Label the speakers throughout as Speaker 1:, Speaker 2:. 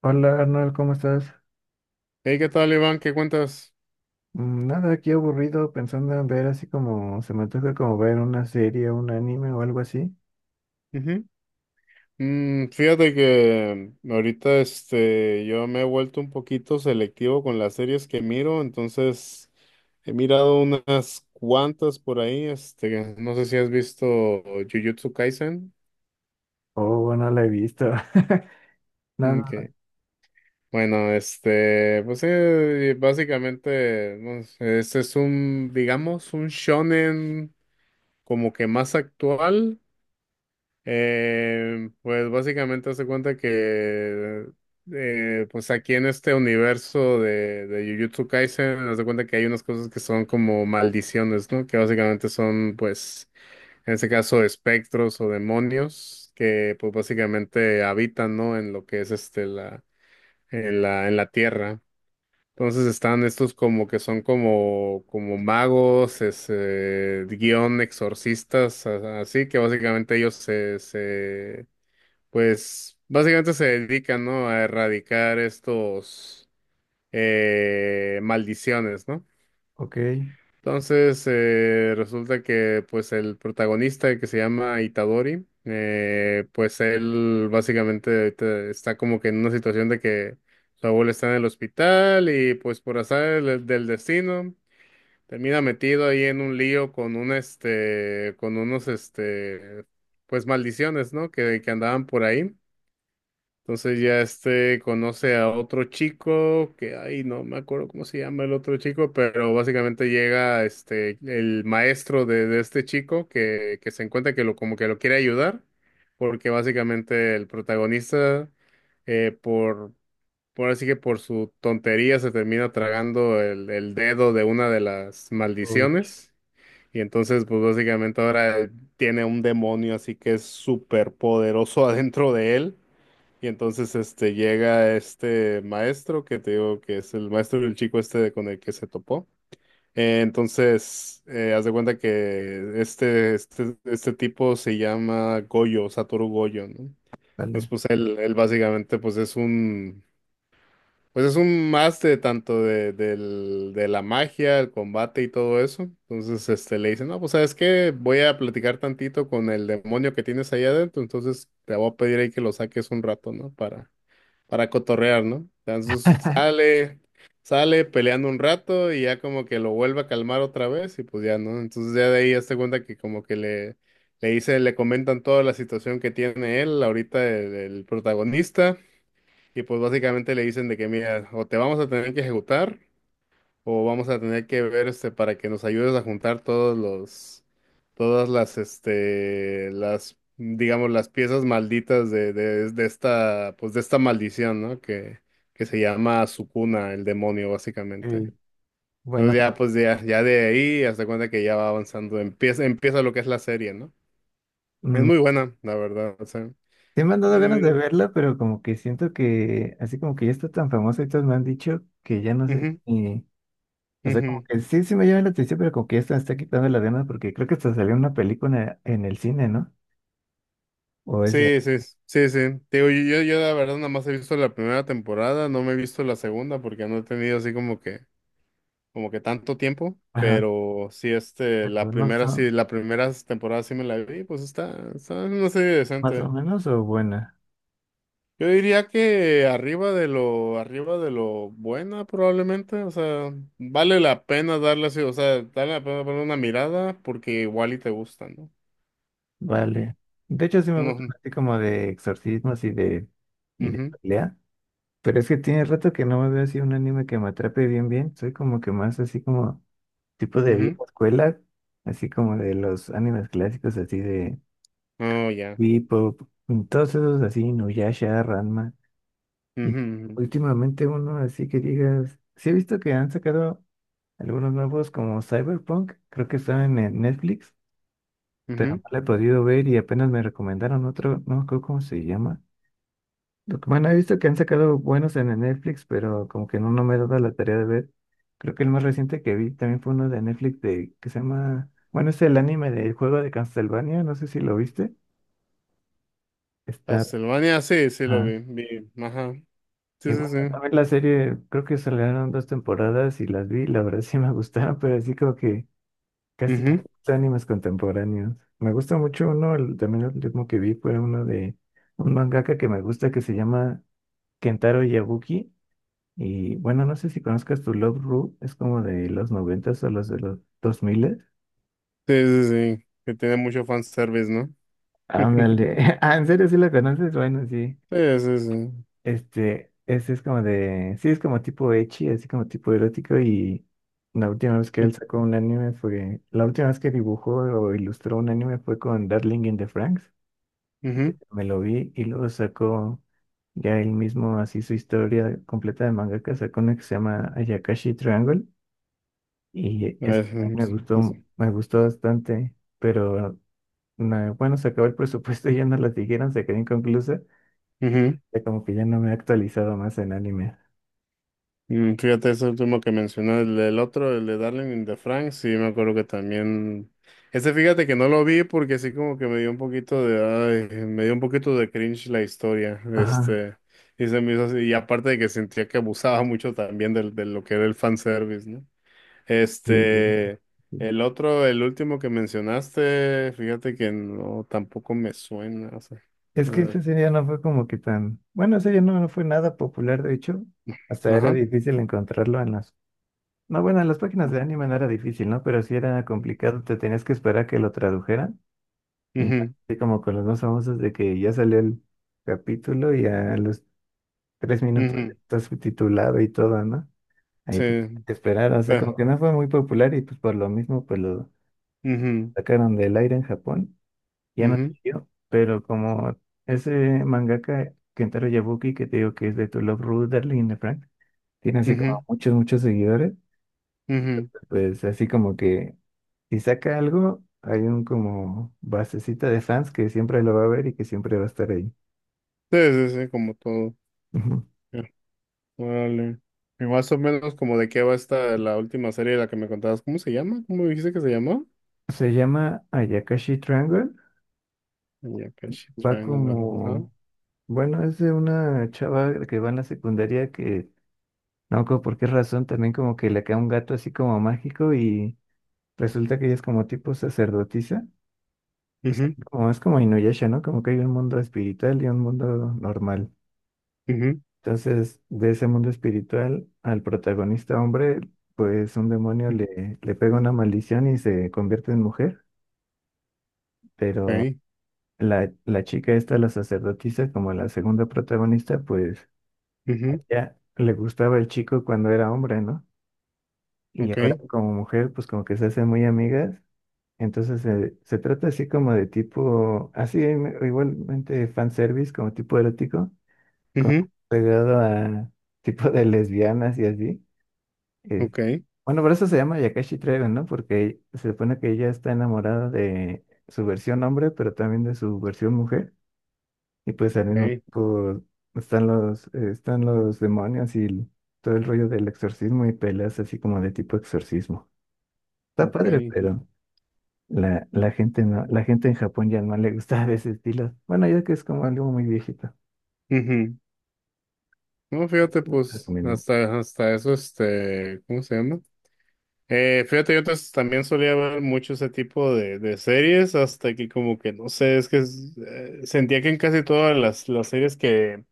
Speaker 1: Hola Arnold, ¿cómo estás?
Speaker 2: Hey, ¿qué tal, Iván? ¿Qué cuentas?
Speaker 1: Nada, aquí aburrido pensando en ver así como, se me antoja como ver una serie, un anime o algo así.
Speaker 2: Ujú. Fíjate que ahorita yo me he vuelto un poquito selectivo con las series que miro, entonces he mirado unas cuantas por ahí. No sé si has visto Jujutsu Kaisen.
Speaker 1: Oh, bueno, la he visto.
Speaker 2: Mm,
Speaker 1: Nada.
Speaker 2: que, Bueno, pues básicamente no sé, este es un, digamos, un shonen como que más actual. Pues básicamente hace cuenta que pues aquí en este universo de Jujutsu Kaisen, hace cuenta que hay unas cosas que son como maldiciones, ¿no? Que básicamente son, pues, en este caso, espectros o demonios que pues básicamente habitan, ¿no? En lo que es en la tierra. Entonces están estos como que son como, como magos, es, guión exorcistas, así que básicamente pues básicamente se dedican, ¿no? A erradicar estos maldiciones, ¿no?
Speaker 1: Ok.
Speaker 2: Entonces resulta que pues el protagonista que se llama Itadori, pues él básicamente ahorita está como que en una situación de que su abuelo está en el hospital y pues por azar del destino termina metido ahí en un lío con un este, con unos este, pues maldiciones, ¿no? Que andaban por ahí. Entonces ya este conoce a otro chico que, ay, no me acuerdo cómo se llama el otro chico, pero básicamente llega este el maestro de este chico que se encuentra que lo como que lo quiere ayudar, porque básicamente el protagonista eh, por, por así que por su tontería se termina tragando el dedo de una de las
Speaker 1: Oh,
Speaker 2: maldiciones. Y entonces, pues básicamente ahora tiene un demonio así que es súper poderoso adentro de él. Y entonces este llega este maestro que te digo que es el maestro del chico este con el que se topó. Entonces, haz de cuenta que este tipo se llama Goyo, Satoru Goyo, ¿no? Entonces,
Speaker 1: vale.
Speaker 2: pues él básicamente pues es un máster tanto de la magia, el combate y todo eso. Entonces, este le dice, no, pues sabes qué, voy a platicar tantito con el demonio que tienes ahí adentro, entonces te voy a pedir ahí que lo saques un rato, ¿no? Para cotorrear, ¿no? Sale peleando un rato y ya como que lo vuelve a calmar otra vez y pues ya, ¿no? Entonces ya de ahí ya se cuenta que le dice, le comentan toda la situación que tiene él ahorita, el protagonista, y pues básicamente le dicen de que, mira, o te vamos a tener que ejecutar. O vamos a tener que ver este para que nos ayudes a juntar todas las, digamos, las piezas malditas de esta, pues de esta maldición, ¿no? Que se llama Sukuna, el demonio, básicamente.
Speaker 1: Ok. Bueno,
Speaker 2: Entonces ya, ya de ahí, hasta cuenta que ya va avanzando. Empieza lo que es la serie, ¿no? Es
Speaker 1: mm,
Speaker 2: muy buena, la verdad. O sea,
Speaker 1: sí me han dado ganas de
Speaker 2: eh,
Speaker 1: verla, pero como que siento que, así como que ya está tan famosa y todos me han dicho que ya no sé
Speaker 2: ujú,
Speaker 1: ni, o sea, como
Speaker 2: ujú.
Speaker 1: que sí, sí me llama la atención, pero como que ya se me está quitando las ganas porque creo que hasta salió una película en el cine, ¿no? O es, de-
Speaker 2: Sí, sí, sí, sí. Te Digo, yo la verdad nada más he visto la primera temporada, no me he visto la segunda porque no he tenido así como que tanto tiempo,
Speaker 1: ajá,
Speaker 2: pero sí, este,
Speaker 1: pero no, sé.
Speaker 2: la primera temporada sí me la vi, pues está en una serie
Speaker 1: Más o
Speaker 2: decente.
Speaker 1: menos o buena.
Speaker 2: Yo diría que arriba de lo buena probablemente, o sea, vale la pena darle así, o sea, vale la pena darle una mirada porque igual y te gusta, ¿no? Ujú.
Speaker 1: Vale. De hecho, sí me gusta
Speaker 2: No,
Speaker 1: así como de exorcismos y de
Speaker 2: ujú,
Speaker 1: pelea. Pero es que tiene rato que no me veo así un anime que me atrape bien, bien. Soy como que más así como tipo
Speaker 2: ujú,
Speaker 1: de
Speaker 2: ujú.
Speaker 1: vieja escuela, así como de los animes clásicos, así de
Speaker 2: Oh, ya.
Speaker 1: Bebop, y todos esos así, Nuyasha, Ranma. Y
Speaker 2: Ujú, ujú,
Speaker 1: últimamente uno así que digas, sí he visto que han sacado algunos nuevos como Cyberpunk, creo que están en Netflix. Pero no
Speaker 2: ujú.
Speaker 1: la he podido ver y apenas me recomendaron otro, no me acuerdo cómo se llama. Lo que- bueno, he visto que han sacado buenos en el Netflix, pero como que no, no me he dado la tarea de ver. Creo que el más reciente que vi también fue uno de Netflix de, que se llama, bueno, es el anime del juego de Castlevania, no sé si lo viste. Está,
Speaker 2: Castlevania, sí, sí lo
Speaker 1: ah,
Speaker 2: vi, ajá, sí,
Speaker 1: y
Speaker 2: sí,
Speaker 1: bueno,
Speaker 2: sí,
Speaker 1: también la serie, creo que salieron dos temporadas y las vi, la verdad sí me gustaron, pero así como que casi no me
Speaker 2: ujú,
Speaker 1: gustan animes contemporáneos. Me gusta mucho uno, el- también el último que vi fue uno de un mangaka que me gusta que se llama Kentaro Yabuki. Y bueno, no sé si conozcas tu Love Ru, es como de los noventas o los de los dos miles.
Speaker 2: sí, sí, sí, que tiene mucho fanservice, ¿no?
Speaker 1: Ándale. Ah, ¿en serio sí la conoces? Bueno, sí.
Speaker 2: Sí, sí, sí,
Speaker 1: Este, ese es como de, sí, es como tipo ecchi, así como tipo erótico y la última vez que él sacó un anime fue, la última vez que dibujó o ilustró un anime fue con Darling in the Franxx.
Speaker 2: ujú,
Speaker 1: Me lo vi y luego sacó ya él mismo así su historia completa de mangaka, sacó una que se llama Ayakashi Triangle y es,
Speaker 2: es-
Speaker 1: a mí
Speaker 2: es-
Speaker 1: me gustó bastante, pero no, bueno, se acabó el presupuesto y ya no la siguieron, se quedó inconclusa,
Speaker 2: ujú.
Speaker 1: ya como que ya no me he actualizado más en anime.
Speaker 2: Fíjate, ese último que mencioné, el otro, el de Darling in the Franxx, sí, me acuerdo que también, ese fíjate que no lo vi porque sí como que me dio un poquito de, ay, me dio un poquito de cringe la historia,
Speaker 1: Ajá.
Speaker 2: este, y se me hizo así, y aparte de que sentía que abusaba mucho también de lo que era el fanservice, ¿no?
Speaker 1: Sí, sí,
Speaker 2: Este,
Speaker 1: sí.
Speaker 2: el otro, el último que mencionaste, fíjate que no, tampoco me suena. O sea,
Speaker 1: Es que
Speaker 2: eh,
Speaker 1: esta serie no fue como que tan, bueno, esa serie no, no fue nada popular, de hecho, hasta era
Speaker 2: ajá.
Speaker 1: difícil encontrarlo en las... No, bueno, en las páginas de anime no era difícil, ¿no? Pero sí era complicado, te tenías que esperar a que lo tradujeran. Y
Speaker 2: Ujú,
Speaker 1: así como con los más famosos de que ya salió el capítulo y a los tres minutos ya
Speaker 2: ujú,
Speaker 1: está subtitulado y todo, ¿no? Ahí te,
Speaker 2: sí.
Speaker 1: te esperaron, o sea,
Speaker 2: eh,
Speaker 1: como que no fue muy popular y pues por lo mismo pues lo
Speaker 2: Ujú,
Speaker 1: sacaron del aire en Japón, ya no
Speaker 2: ujú,
Speaker 1: siguió. Pero como ese mangaka Kentaro Yabuki, que te digo que es de To Love, Ruth, Darling in the Frank, tiene así
Speaker 2: ujú,
Speaker 1: como muchos, muchos seguidores.
Speaker 2: ujú.
Speaker 1: Pues así como que si saca algo, hay un como basecita de fans que siempre lo va a ver y que siempre va a estar ahí.
Speaker 2: Sí, sí, sí, como todo.
Speaker 1: Ujú.
Speaker 2: Ya, órale. Y más o menos como de qué va esta la última serie de la que me contabas. ¿Cómo se llama? ¿Cómo dijiste que se llamó?
Speaker 1: Se llama Ayakashi Triangle.
Speaker 2: Yakashi
Speaker 1: Va
Speaker 2: Triangle. Ajá.
Speaker 1: como, bueno, es de una chava que va en la secundaria que, no recuerdo por qué razón, también como que le cae un gato así como mágico y resulta que ella es como tipo sacerdotisa. O sea,
Speaker 2: Ujú,
Speaker 1: como es como Inuyasha, ¿no? Como que hay un mundo espiritual y un mundo normal.
Speaker 2: ujú,
Speaker 1: Entonces, de ese mundo espiritual, al protagonista hombre, pues un demonio
Speaker 2: ujú,
Speaker 1: le pega una maldición y se convierte en mujer, pero la chica esta, la sacerdotisa, como la segunda protagonista, pues
Speaker 2: ok,
Speaker 1: ya le gustaba el chico cuando era hombre, ¿no?
Speaker 2: ujú,
Speaker 1: Y
Speaker 2: ok,
Speaker 1: ahora como mujer, pues como que se hacen muy amigas. Entonces se trata así como de tipo, así im- igualmente fanservice, como tipo erótico, como
Speaker 2: ujú,
Speaker 1: pegado a tipo de lesbianas y así. Eh,
Speaker 2: ok,
Speaker 1: bueno, por eso se llama Yakashi Treven, ¿no? Porque se supone que ella está enamorada de su versión hombre, pero también de su versión mujer. Y pues al mismo
Speaker 2: ok,
Speaker 1: tiempo están los demonios y el- todo el rollo del exorcismo y peleas así como de tipo exorcismo. Está
Speaker 2: ok.
Speaker 1: padre, pero la gente no, la gente en Japón ya no le gusta ese estilo. Bueno, ya que es como algo muy viejito,
Speaker 2: Ujú. No, fíjate, pues,
Speaker 1: recomiendo.
Speaker 2: hasta eso, este, ¿cómo se llama? Fíjate, yo antes también solía ver mucho ese tipo de series, hasta que como que, no sé, es que sentía que en casi todas las series que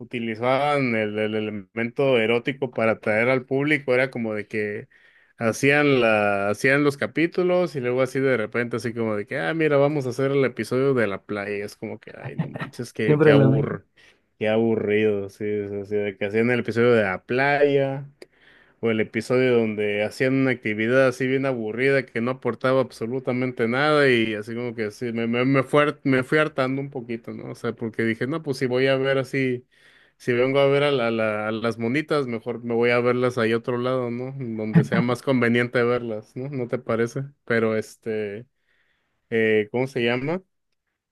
Speaker 2: utilizaban el elemento erótico para atraer al público, era como de que hacían hacían los capítulos y luego así de repente así como de que, ah, mira, vamos a hacer el episodio de la playa, y es como que, ay, no manches,
Speaker 1: Siempre lo mismo.
Speaker 2: qué aburrido, sí, es así de que hacían el episodio de la playa. O el episodio donde hacían una actividad así bien aburrida que no aportaba absolutamente nada y así como que sí, me me fui hartando un poquito, ¿no? O sea, porque dije, no, pues si voy a ver así, si vengo a ver a las monitas, mejor me voy a verlas ahí otro lado, ¿no? Donde sea más conveniente verlas, ¿no? ¿No te parece? Pero este, ¿cómo se llama?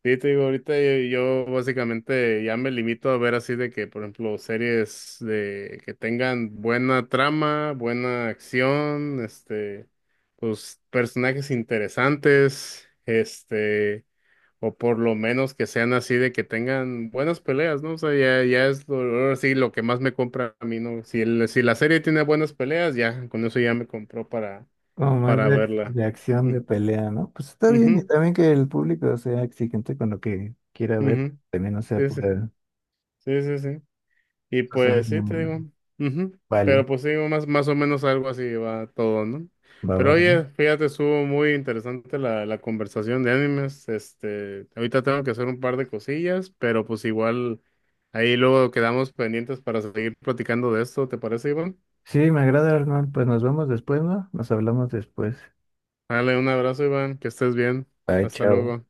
Speaker 2: Sí, te digo, yo básicamente ya me limito a ver así de que, por ejemplo, series de que tengan buena trama, buena acción, este, pues personajes interesantes, este, o por lo menos que sean así de que tengan buenas peleas, ¿no? O sea, ya es lo, ahora sí lo que más me compra a mí, ¿no? Si la serie tiene buenas peleas, ya, con eso ya me compró
Speaker 1: Como más
Speaker 2: para
Speaker 1: de, ac-
Speaker 2: verla.
Speaker 1: de acción,
Speaker 2: Mm,
Speaker 1: de pelea, ¿no? Pues está bien, y
Speaker 2: Ujú,
Speaker 1: también que el público sea exigente con lo que quiera ver,
Speaker 2: ujú,
Speaker 1: también no sea
Speaker 2: sí, sí,
Speaker 1: pura
Speaker 2: sí, sí, sí. Y
Speaker 1: cosa.
Speaker 2: pues sí, te digo.
Speaker 1: Mm.
Speaker 2: Ujú.
Speaker 1: Vale,
Speaker 2: Pero pues sí, más o menos algo así va todo, ¿no?
Speaker 1: va, va,
Speaker 2: Pero
Speaker 1: va.
Speaker 2: oye, fíjate, estuvo muy interesante la conversación de animes. Este, ahorita tengo que hacer un par de cosillas, pero pues igual ahí luego quedamos pendientes para seguir platicando de esto, ¿te parece, Iván?
Speaker 1: Sí, me agrada, Arnold. Pues nos vemos después, ¿no? Nos hablamos después.
Speaker 2: Dale, un abrazo, Iván, que estés bien.
Speaker 1: Bye,
Speaker 2: Hasta
Speaker 1: chao.
Speaker 2: luego.